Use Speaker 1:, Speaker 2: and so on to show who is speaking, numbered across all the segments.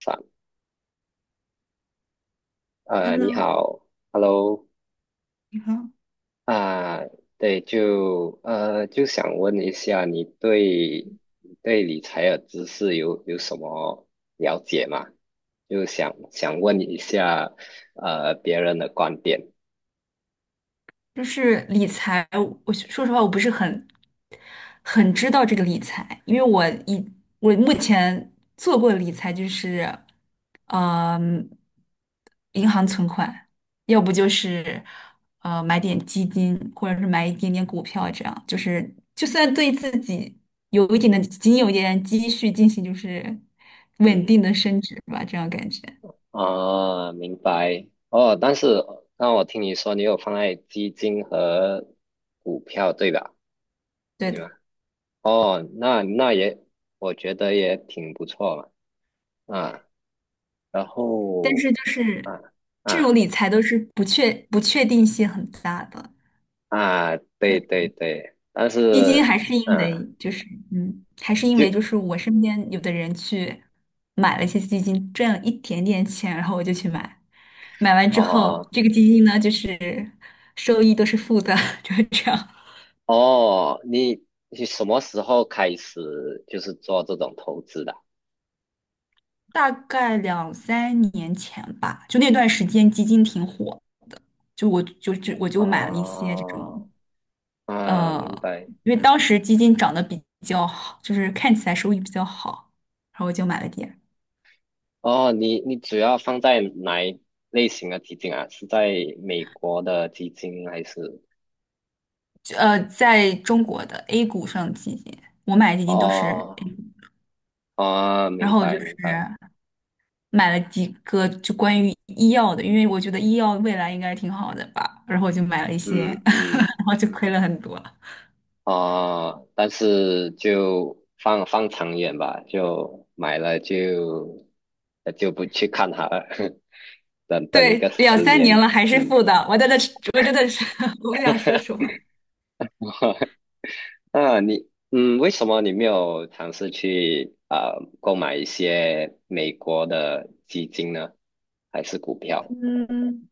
Speaker 1: 反你
Speaker 2: Hello，
Speaker 1: 好。Hello。
Speaker 2: 你好。
Speaker 1: 啊，对。就想问一下，你对你对理财的知识有什么了解吗？就想问一下，别人的观点。
Speaker 2: 就是理财，我说实话，我不是很知道这个理财，因为我目前做过的理财就是，嗯、银行
Speaker 1: 嗯
Speaker 2: 存款，要不就是买点基金，或者是买一点点股票，这样就是就算对自己有一点的仅有一点积蓄进行就是稳
Speaker 1: 嗯，
Speaker 2: 定的升值吧，这样感觉。
Speaker 1: 啊，明白。哦，但是那我听你说你有放在基金和股票，对吧？
Speaker 2: 对
Speaker 1: 对
Speaker 2: 的。
Speaker 1: 吗？哦，那也，我觉得也挺不错嘛。啊。然
Speaker 2: 但
Speaker 1: 后。
Speaker 2: 是就是
Speaker 1: 啊
Speaker 2: 这
Speaker 1: 啊
Speaker 2: 种理财都是不确定性很大的，就
Speaker 1: 对
Speaker 2: 是
Speaker 1: 对对，但
Speaker 2: 基金还
Speaker 1: 是
Speaker 2: 是因
Speaker 1: 嗯，
Speaker 2: 为
Speaker 1: 就。
Speaker 2: 我身边有的人去买了一些基金，赚了一点点钱，然后我就去买，买完之后
Speaker 1: 哦
Speaker 2: 这个基金呢就是收益都是负的，就是这样。
Speaker 1: 哦，你你什么时候开始就是做这种投资的？
Speaker 2: 大概两三年前吧，就那段时间基金挺火的，就我就就我就买了一些这种。
Speaker 1: 哦啊，明
Speaker 2: 呃，
Speaker 1: 白。
Speaker 2: 因为当时基金涨得比较好，就是看起来收益比较好，然后我就买了点。
Speaker 1: 哦，你你主要放在哪一类型的基金啊？是在美国的基金还是？
Speaker 2: 就在中国的 A 股上的基金，我买的基金都是
Speaker 1: 哦
Speaker 2: A 股，
Speaker 1: 哦，
Speaker 2: 然
Speaker 1: 明
Speaker 2: 后我就
Speaker 1: 白
Speaker 2: 是
Speaker 1: 明白。
Speaker 2: 买了几个就关于医药的，因为我觉得医药未来应该挺好的吧，然后我就买了一些，
Speaker 1: 嗯 嗯
Speaker 2: 然后就亏了很多。
Speaker 1: 但是就放长远吧，就买了就就不去看它了，等等一个
Speaker 2: 对，两
Speaker 1: 十
Speaker 2: 三
Speaker 1: 年。
Speaker 2: 年了还是
Speaker 1: 嗯。
Speaker 2: 负的，我在的是我真的是，我不想说什么。
Speaker 1: 那你嗯，为什么你没有尝试去购买一些美国的基金呢？还是股票？
Speaker 2: 嗯，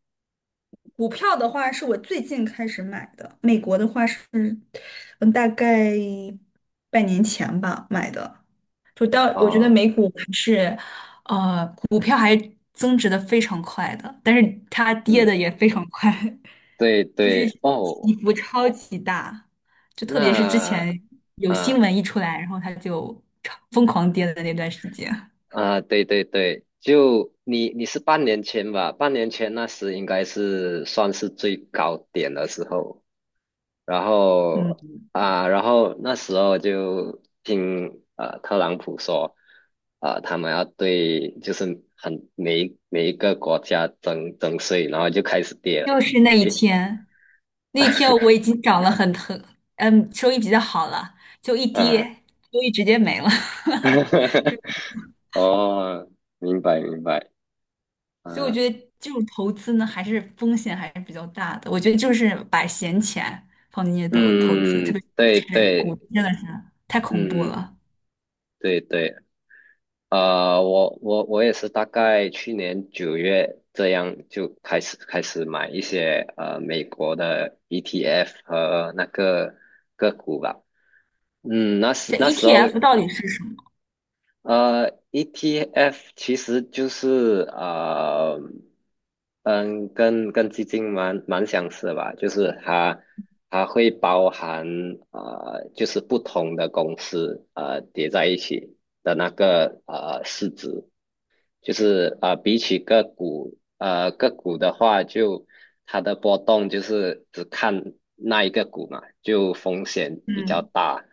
Speaker 2: 股票的话是我最近开始买的，美国的话是，嗯，大概半年前吧买的。就到我觉得
Speaker 1: 啊，
Speaker 2: 美股还是，股票还增值的非常快的，但是它跌
Speaker 1: 嗯，
Speaker 2: 的也非常快，
Speaker 1: 对
Speaker 2: 就是
Speaker 1: 对，哦，
Speaker 2: 起伏超级大，就特别是之
Speaker 1: 那。
Speaker 2: 前有新
Speaker 1: 啊。
Speaker 2: 闻一出来，然后它就超疯狂跌的那段时间。
Speaker 1: 啊，对对对，就你你是半年前吧？半年前那时应该是算是最高点的时候，然后。
Speaker 2: 嗯。
Speaker 1: 然后那时候就听特朗普说，啊，他们要对就是每一个国家征税，然后就开始跌了，
Speaker 2: 就是那一
Speaker 1: 跌。
Speaker 2: 天，那天我已经涨了很，收益比较好了，就一跌，
Speaker 1: 啊，
Speaker 2: 收益直接没了。
Speaker 1: 哦，明白明白。
Speaker 2: 所以我
Speaker 1: 啊，
Speaker 2: 觉得这种投资呢，还是风险还是比较大的。我觉得就是把闲钱放进去投资，特别
Speaker 1: 嗯，对
Speaker 2: 是股，
Speaker 1: 对。
Speaker 2: 真的是太恐怖
Speaker 1: 嗯，
Speaker 2: 了。
Speaker 1: 对对。我也是大概去年九月这样就开始买一些美国的 ETF 和那个个股吧。嗯，那时
Speaker 2: 这
Speaker 1: 那时候
Speaker 2: ETF 到底是什么？
Speaker 1: ETF 其实就是跟基金蛮相似吧，就是它它会包含就是不同的公司叠在一起的那个市值。就是比起个股，个股的话就，它的波动就是只看那一个股嘛，就风险比较
Speaker 2: 嗯，
Speaker 1: 大。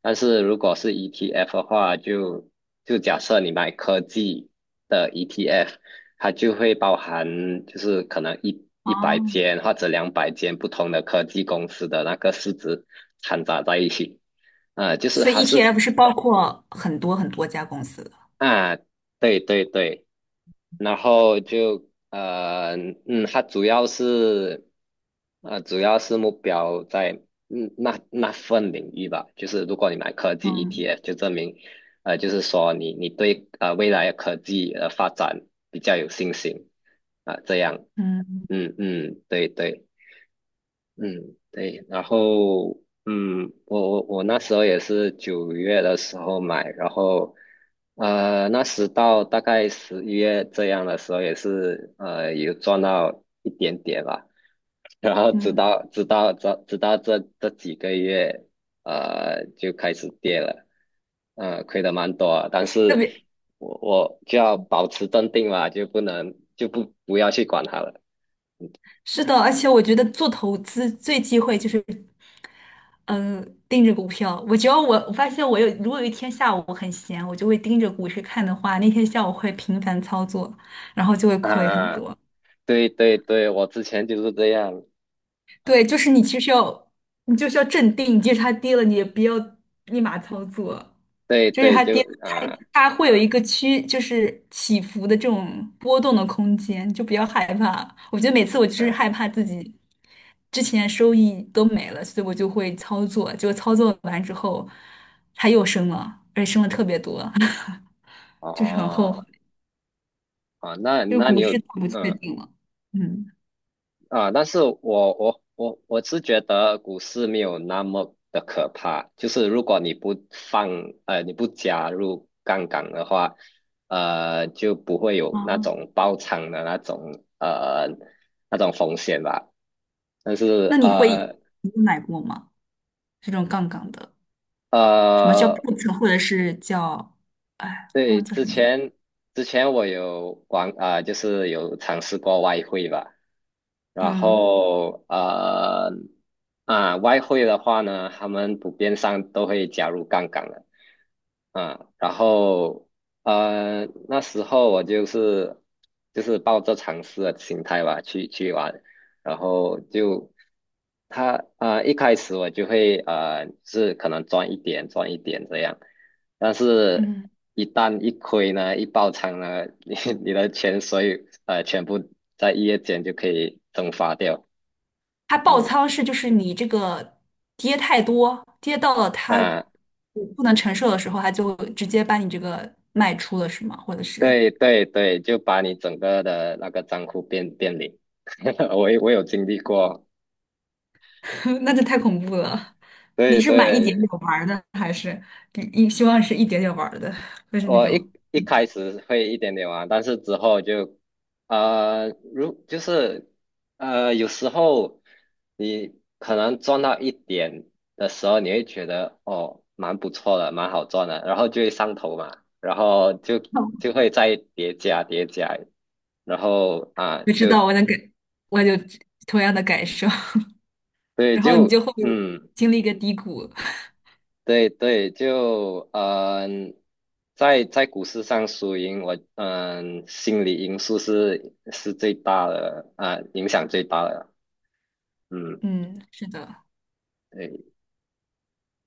Speaker 1: 但是如果是 ETF 的话，就就假设你买科技的 ETF，它就会包含就是可能一
Speaker 2: 哦，
Speaker 1: 一百间或者两百间不同的科技公司的那个市值掺杂在一起。啊，就是
Speaker 2: 所
Speaker 1: 它
Speaker 2: 以
Speaker 1: 是。
Speaker 2: ETF 是包括很多很多家公司的。
Speaker 1: 啊，对对对。然后就嗯，它主要是主要是目标在嗯那份领域吧，就是如果你买科技
Speaker 2: 嗯
Speaker 1: ETF，就证明就是说你你对未来的科技的发展比较有信心啊，这样。
Speaker 2: 嗯
Speaker 1: 嗯嗯，对对。嗯，对，然后嗯，我那时候也是九月的时候买，然后那时到大概十一月这样的时候，也是有赚到一点点吧，然后
Speaker 2: 嗯，
Speaker 1: 直
Speaker 2: 嗯
Speaker 1: 到直到这直到这这几个月，就开始跌了，亏的蛮多啊，但
Speaker 2: 特
Speaker 1: 是
Speaker 2: 别
Speaker 1: 我就要保持镇定嘛，就不能就不要去管它了。
Speaker 2: 是的，而且我觉得做投资最忌讳就是，嗯、盯着股票。我只要我发现我有，如果有一天下午我很闲，我就会盯着股市看的话，那天下午会频繁操作，然后就会亏很
Speaker 1: 啊。
Speaker 2: 多。
Speaker 1: 对对对，我之前就是这样。啊，
Speaker 2: 对，就是你其实要，你就是要镇定，即使它跌了，你也不要立马操作。
Speaker 1: 对
Speaker 2: 就是
Speaker 1: 对，
Speaker 2: 它
Speaker 1: 就
Speaker 2: 跌，它
Speaker 1: 啊
Speaker 2: 它会有一个区，就是起伏的这种波动的空间，就不要害怕。我觉得每次我就是害
Speaker 1: 啊
Speaker 2: 怕自己之前收益都没了，所以我就会操作，结果操作完之后，它又升了，而且升了特别多，就是很后悔，
Speaker 1: 哦。那
Speaker 2: 就是
Speaker 1: 那你
Speaker 2: 股
Speaker 1: 有
Speaker 2: 市太不确
Speaker 1: 嗯。
Speaker 2: 定了。嗯，
Speaker 1: 但是我是觉得股市没有那么的可怕，就是如果你不放你不加入杠杆的话，就不会有那
Speaker 2: 哦，
Speaker 1: 种爆仓的那种那种风险吧。但是
Speaker 2: 那你有买过吗？这种杠杆的，什么叫
Speaker 1: 呃，
Speaker 2: put，或者是叫，哎，忘
Speaker 1: 对，
Speaker 2: 了叫什
Speaker 1: 之
Speaker 2: 么名字。
Speaker 1: 前之前我有玩就是有尝试过外汇吧，然
Speaker 2: 嗯。
Speaker 1: 后啊、外汇的话呢，他们普遍上都会加入杠杆的。然后那时候我就是就是抱着尝试的心态吧去去玩，然后就他一开始我就会是可能赚一点这样。但是，
Speaker 2: 嗯。
Speaker 1: 一旦一亏呢，一爆仓呢，你你的钱所有全部在一夜间就可以蒸发掉。
Speaker 2: 它爆
Speaker 1: 嗯。
Speaker 2: 仓是就是你这个跌太多，跌到了它
Speaker 1: 啊，
Speaker 2: 不能承受的时候，它就直接把你这个卖出了，是吗？或者是，
Speaker 1: 对对对，就把你整个的那个账户变零。我有经历过。
Speaker 2: 那就太恐怖了。你
Speaker 1: 对
Speaker 2: 是买一点点
Speaker 1: 对。
Speaker 2: 玩儿的，还是你希望是一点点玩儿的，就是那
Speaker 1: 我
Speaker 2: 种，
Speaker 1: 一一开
Speaker 2: 嗯，
Speaker 1: 始会一点点玩，但是之后就，如就是有时候你可能赚到一点的时候，你会觉得哦，蛮不错的，蛮好赚的，然后就会上头嘛，然后就就会再叠加，然后啊，
Speaker 2: 我知
Speaker 1: 就
Speaker 2: 道我能感，我有同样的感受，
Speaker 1: 对，
Speaker 2: 然后你
Speaker 1: 就
Speaker 2: 就会
Speaker 1: 嗯。
Speaker 2: 经历一个低谷。
Speaker 1: 对对，就嗯，在在股市上输赢，我嗯，心理因素是最大的啊，影响最大的。嗯，
Speaker 2: 嗯，是的，
Speaker 1: 对，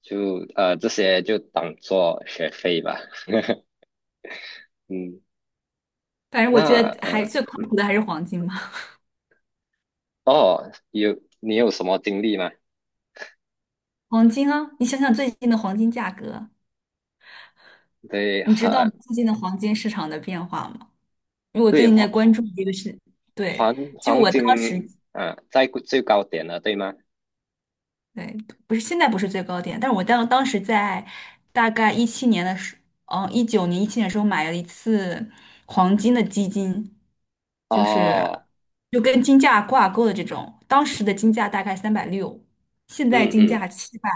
Speaker 1: 就这些就当做学费吧。嗯，
Speaker 2: 反正我
Speaker 1: 那
Speaker 2: 觉得还最靠谱的还是黄金嘛。
Speaker 1: 哦，有你有什么经历吗？
Speaker 2: 黄金啊，你想想最近的黄金价格。
Speaker 1: 对，
Speaker 2: 你知道最近的黄金市场的变化吗？因为我最
Speaker 1: 对。
Speaker 2: 近在
Speaker 1: 黄
Speaker 2: 关
Speaker 1: 黄
Speaker 2: 注这个事，对，
Speaker 1: 黄
Speaker 2: 就
Speaker 1: 黄
Speaker 2: 我
Speaker 1: 金
Speaker 2: 当时，
Speaker 1: 啊，在最高点了，对吗？
Speaker 2: 对，不是现在不是最高点，但是我当时在大概一七年的时，嗯，19年、一七年的时候买了一次黄金的基金，就是
Speaker 1: 哦。
Speaker 2: 就跟金价挂钩的这种，当时的金价大概360，现在
Speaker 1: 嗯
Speaker 2: 金
Speaker 1: 嗯，
Speaker 2: 价700。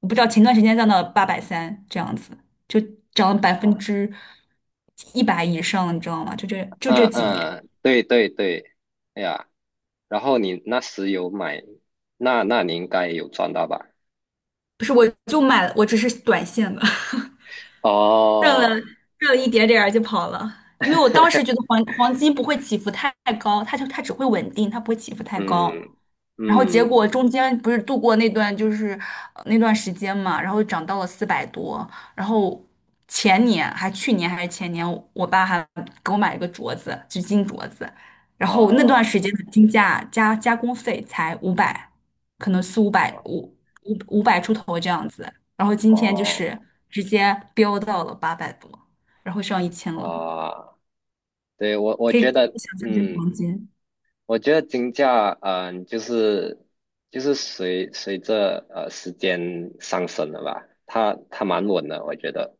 Speaker 2: 我不知道前段时间降到830这样子，就涨了百分
Speaker 1: 啊
Speaker 2: 之一百以上，你知道吗？就
Speaker 1: 嗯
Speaker 2: 这几年，
Speaker 1: 嗯，对对对，哎呀。然后你那时有买，那那你应该有赚到吧？
Speaker 2: 不是，我就买了，我只是短线的，热了
Speaker 1: 哦，
Speaker 2: 热了一点点儿就跑了，因为我当时 觉得黄金不会起伏太高，它只会稳定，它不会起伏太高。
Speaker 1: 嗯
Speaker 2: 然后结果
Speaker 1: 嗯
Speaker 2: 中间不是度过那段时间嘛，然后涨到了400多，然后前年还去年还是前年，我爸还给我买了个镯子，就金镯子，然后那
Speaker 1: 哦
Speaker 2: 段时间的金价加加工费才五百，可能四五百五百出头这样子，然后今天就
Speaker 1: 哦
Speaker 2: 是直接飙到了800多，然后上1000了，
Speaker 1: 哇。对，我我
Speaker 2: 可以
Speaker 1: 觉得
Speaker 2: 想象这是
Speaker 1: 嗯，
Speaker 2: 黄金。
Speaker 1: 我觉得金价就是就是随着时间上升了吧，它它蛮稳的，我觉得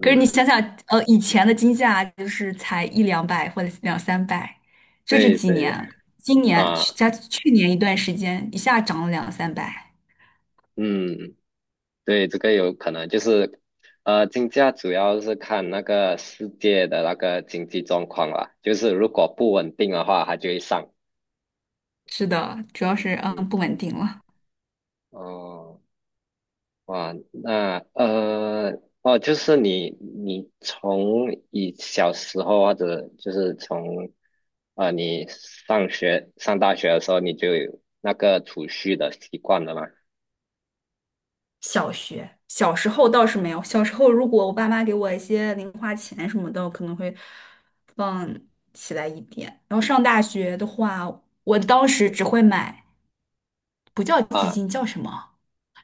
Speaker 2: 可是你想想，以前的金价就是才一两百或者两三百，就这
Speaker 1: 对
Speaker 2: 几
Speaker 1: 对。
Speaker 2: 年，今年去
Speaker 1: 啊。
Speaker 2: 加去年一段时间一下涨了两三百。
Speaker 1: 嗯。对，这个有可能就是，金价主要是看那个世界的那个经济状况啦，就是如果不稳定的话，它就会上。
Speaker 2: 是的，主要是
Speaker 1: 嗯，
Speaker 2: 不稳定了。
Speaker 1: 哦，哇，那哦，就是你你从你小时候或者就是从你上学上大学的时候，你就有那个储蓄的习惯了吗？
Speaker 2: 小学，小时候倒是没有。小时候，如果我爸妈给我一些零花钱什么的，我可能会放起来一点。然后上大学的话，我当时
Speaker 1: 嗯。
Speaker 2: 只会买，不叫基
Speaker 1: 啊，
Speaker 2: 金，叫什么？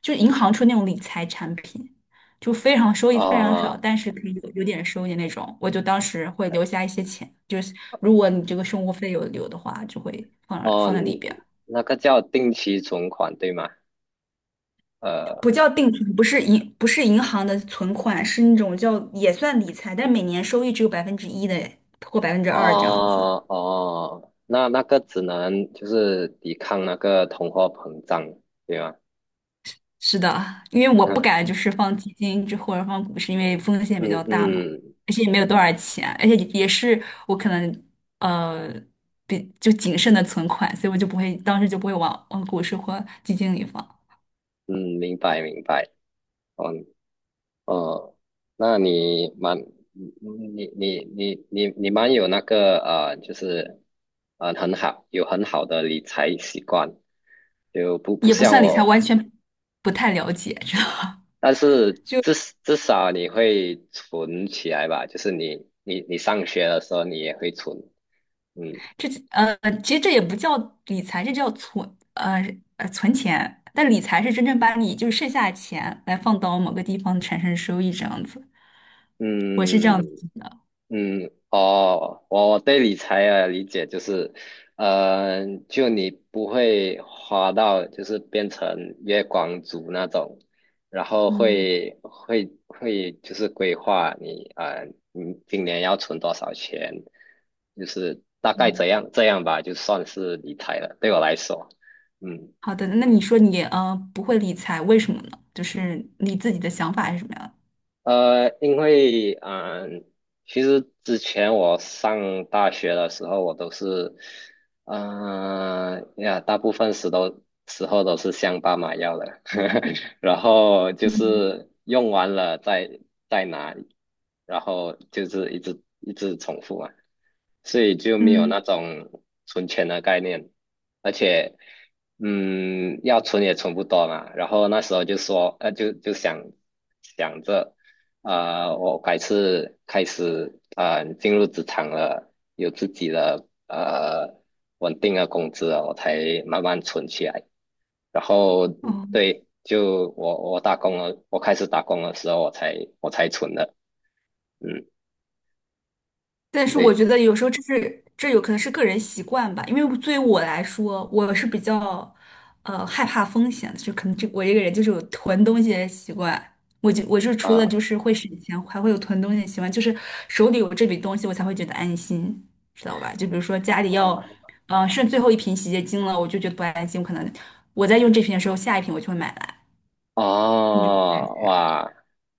Speaker 2: 就是银行出那种理财产品，就非常收益非常少，
Speaker 1: 哦。
Speaker 2: 但是可以有点收益那种。我就当时会留下一些钱，就是如果你这个生活费有留的话，就会
Speaker 1: 哦，
Speaker 2: 放在里边。
Speaker 1: 那个叫定期存款，对吗？
Speaker 2: 不
Speaker 1: 呃。
Speaker 2: 叫定存，不是银行的存款，是那种叫也算理财，但是每年收益只有百分之一的或2%这样子。
Speaker 1: 哦，那那个只能就是抵抗那个通货膨胀，对吗？
Speaker 2: 是的，因为我不敢 就是放基金之或者放股市，因为风险比
Speaker 1: 嗯
Speaker 2: 较大嘛，
Speaker 1: 嗯
Speaker 2: 而且也没有多少钱，而且也是我可能呃比就谨慎的存款，所以我就不会当时就不会往股市或基金里放，
Speaker 1: 嗯，明白明白。哦哦，那你蛮你你你蛮有那个就是很好有很好的理财习惯，就不
Speaker 2: 也不
Speaker 1: 像
Speaker 2: 算理财，完
Speaker 1: 我。
Speaker 2: 全不太了解，知道。
Speaker 1: 但是
Speaker 2: 就。
Speaker 1: 至 至少你会存起来吧，就是你你上学的时候你也会存。嗯。
Speaker 2: 这呃，其实这也不叫理财，这叫存钱。但理财是真正把你就是剩下的钱来放到某个地方产生收益这样子，我是这
Speaker 1: 嗯
Speaker 2: 样子的。
Speaker 1: 嗯，哦，我我对理财的理解就是，就你不会花到就是变成月光族那种，然后
Speaker 2: 嗯
Speaker 1: 会就是规划你，你今年要存多少钱，就是大概
Speaker 2: 嗯。
Speaker 1: 这样这样吧，就算是理财了，对我来说。嗯
Speaker 2: 好的，那你说你不会理财，为什么呢？就是你自己的想法是什么样
Speaker 1: 呃，因为嗯，其实之前我上大学的时候，我都是，呀，大部分时候都是向爸妈要的，然后就
Speaker 2: 的？嗯
Speaker 1: 是用完了再再拿，然后就是一直重复嘛，所以就没有
Speaker 2: 嗯，
Speaker 1: 那种存钱的概念，而且。嗯，要存也存不多嘛，然后那时候就说，就就想想着。啊，我改是开始啊进入职场了，有自己的稳定的工资了，我才慢慢存起来。然后
Speaker 2: 哦，
Speaker 1: 对，就我打工了，我开始打工的时候，我才存的。嗯，
Speaker 2: 但是我
Speaker 1: 对。
Speaker 2: 觉得有时候这是这有可能是个人习惯吧，因为对于我来说，我是比较害怕风险的，就可能我这个人就是有囤东西的习惯。我是除
Speaker 1: 啊
Speaker 2: 了
Speaker 1: 啊
Speaker 2: 就是会省钱，还会有囤东西的习惯，就是手里有这笔东西，我才会觉得安心，知道吧？就比如说家里要，剩最后一瓶洗洁精了，我就觉得不安心，我可能我在用这瓶的时候，下一瓶我就会买来。你就
Speaker 1: 哦哇，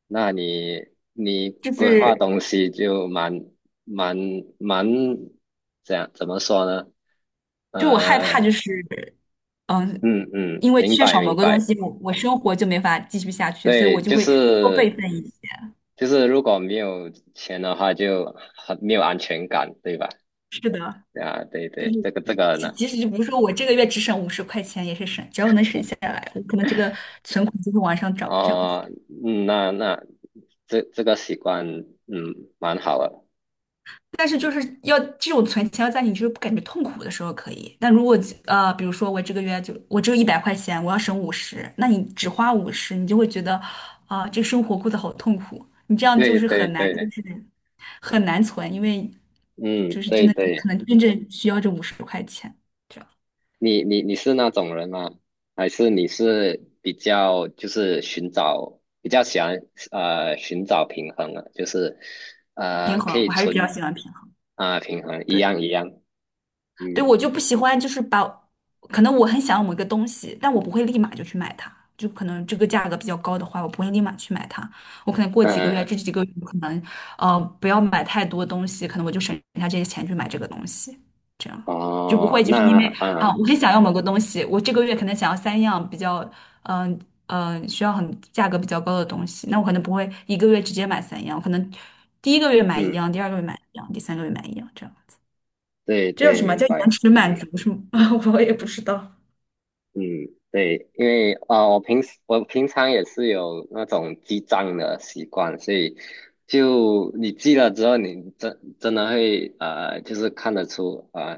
Speaker 1: 那你你
Speaker 2: 就
Speaker 1: 规划
Speaker 2: 是
Speaker 1: 东西就蛮蛮这样怎么说呢？
Speaker 2: 就我害怕就
Speaker 1: 呃，
Speaker 2: 是，嗯，
Speaker 1: 嗯，
Speaker 2: 因为
Speaker 1: 明
Speaker 2: 缺
Speaker 1: 白
Speaker 2: 少
Speaker 1: 明
Speaker 2: 某个东
Speaker 1: 白。
Speaker 2: 西，我生活就没法继续下去，所以我
Speaker 1: 对，
Speaker 2: 就
Speaker 1: 就
Speaker 2: 会多备
Speaker 1: 是
Speaker 2: 份一些。
Speaker 1: 就是如果没有钱的话就很没有安全感，对吧？
Speaker 2: 是的，
Speaker 1: 啊，对
Speaker 2: 就
Speaker 1: 对，
Speaker 2: 是
Speaker 1: 这个这个呢。
Speaker 2: 即使就比如说我这个月只省五十块钱，也是省，只要能省下来，我可能这个存款就会往上涨这样子。
Speaker 1: 哦，嗯，那那这这个习惯，嗯，蛮好的。
Speaker 2: 但是就是要这种存钱要在你就是不感觉痛苦的时候可以，但如果比如说我这个月就我只有100块钱，我要省五十，那你只花五十，你就会觉得啊、这生活过得好痛苦，你这样就
Speaker 1: 对
Speaker 2: 是
Speaker 1: 对
Speaker 2: 很难，就
Speaker 1: 对。
Speaker 2: 是。很难存，因为
Speaker 1: 嗯，
Speaker 2: 就是真
Speaker 1: 对
Speaker 2: 的
Speaker 1: 对。
Speaker 2: 可能真正需要这五十块钱，这样
Speaker 1: 你你你是那种人吗？还是你是比较就是寻找比较喜欢寻找平衡的，就是
Speaker 2: 平
Speaker 1: 可
Speaker 2: 衡，
Speaker 1: 以
Speaker 2: 我还是比较
Speaker 1: 存
Speaker 2: 喜欢平衡。
Speaker 1: 平衡一
Speaker 2: 对。
Speaker 1: 样一样。
Speaker 2: 对，我
Speaker 1: 嗯
Speaker 2: 就不喜欢，就是把，可能我很想要某一个东西，但我不会立马就去买它，就可能这个价格比较高的话，我不会立马去买它，我可能过几
Speaker 1: 嗯、
Speaker 2: 个月，
Speaker 1: 呃
Speaker 2: 这几个月我可能，不要买太多东西，可能我就省下这些钱去买这个东西，这样就不
Speaker 1: 哦
Speaker 2: 会就是因为
Speaker 1: 那
Speaker 2: 啊，我很想要某个东西，我这个月可能想要三样比较，嗯、需要很价格比较高的东西，那我可能不会一个月直接买三样，我可能第一个月买一
Speaker 1: 嗯。
Speaker 2: 样，第二个月买一样，第三个月买一样，这样。
Speaker 1: 对
Speaker 2: 这叫
Speaker 1: 对
Speaker 2: 什么
Speaker 1: 明
Speaker 2: 叫延
Speaker 1: 白。
Speaker 2: 迟
Speaker 1: 嗯。
Speaker 2: 满足是吗？啊，我也不知道。
Speaker 1: 嗯，对，因为啊，我平时我平常也是有那种记账的习惯，所以就你记了之后，你真真的会就是看得出啊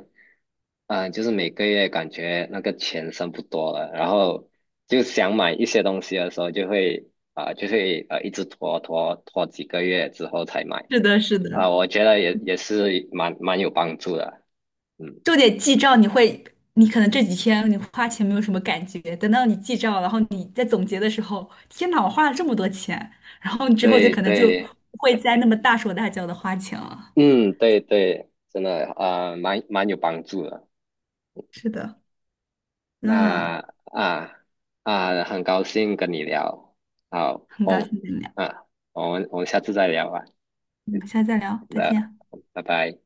Speaker 1: 啊、呃就是每个月感觉那个钱剩不多了，然后就想买一些东西的时候，就会就会一直拖几个月之后才买。
Speaker 2: 是的，是的，
Speaker 1: 我觉得也也是蛮有帮助的。嗯，
Speaker 2: 就得记账。你会，你可能这几天你花钱没有什么感觉，等到你记账，然后你在总结的时候，天哪，我花了这么多钱，然后你之后就
Speaker 1: 对
Speaker 2: 可能就不
Speaker 1: 对。
Speaker 2: 会再那么大手大脚的花钱了。
Speaker 1: 嗯，对对，真的啊，蛮蛮有帮助的。
Speaker 2: 是的，
Speaker 1: 那
Speaker 2: 那
Speaker 1: 啊很高兴跟你聊，好
Speaker 2: 很高
Speaker 1: 哦
Speaker 2: 兴跟你聊，
Speaker 1: 啊，我们我们下次再聊吧。
Speaker 2: 我们下次再聊，再
Speaker 1: 那，
Speaker 2: 见。
Speaker 1: 拜拜。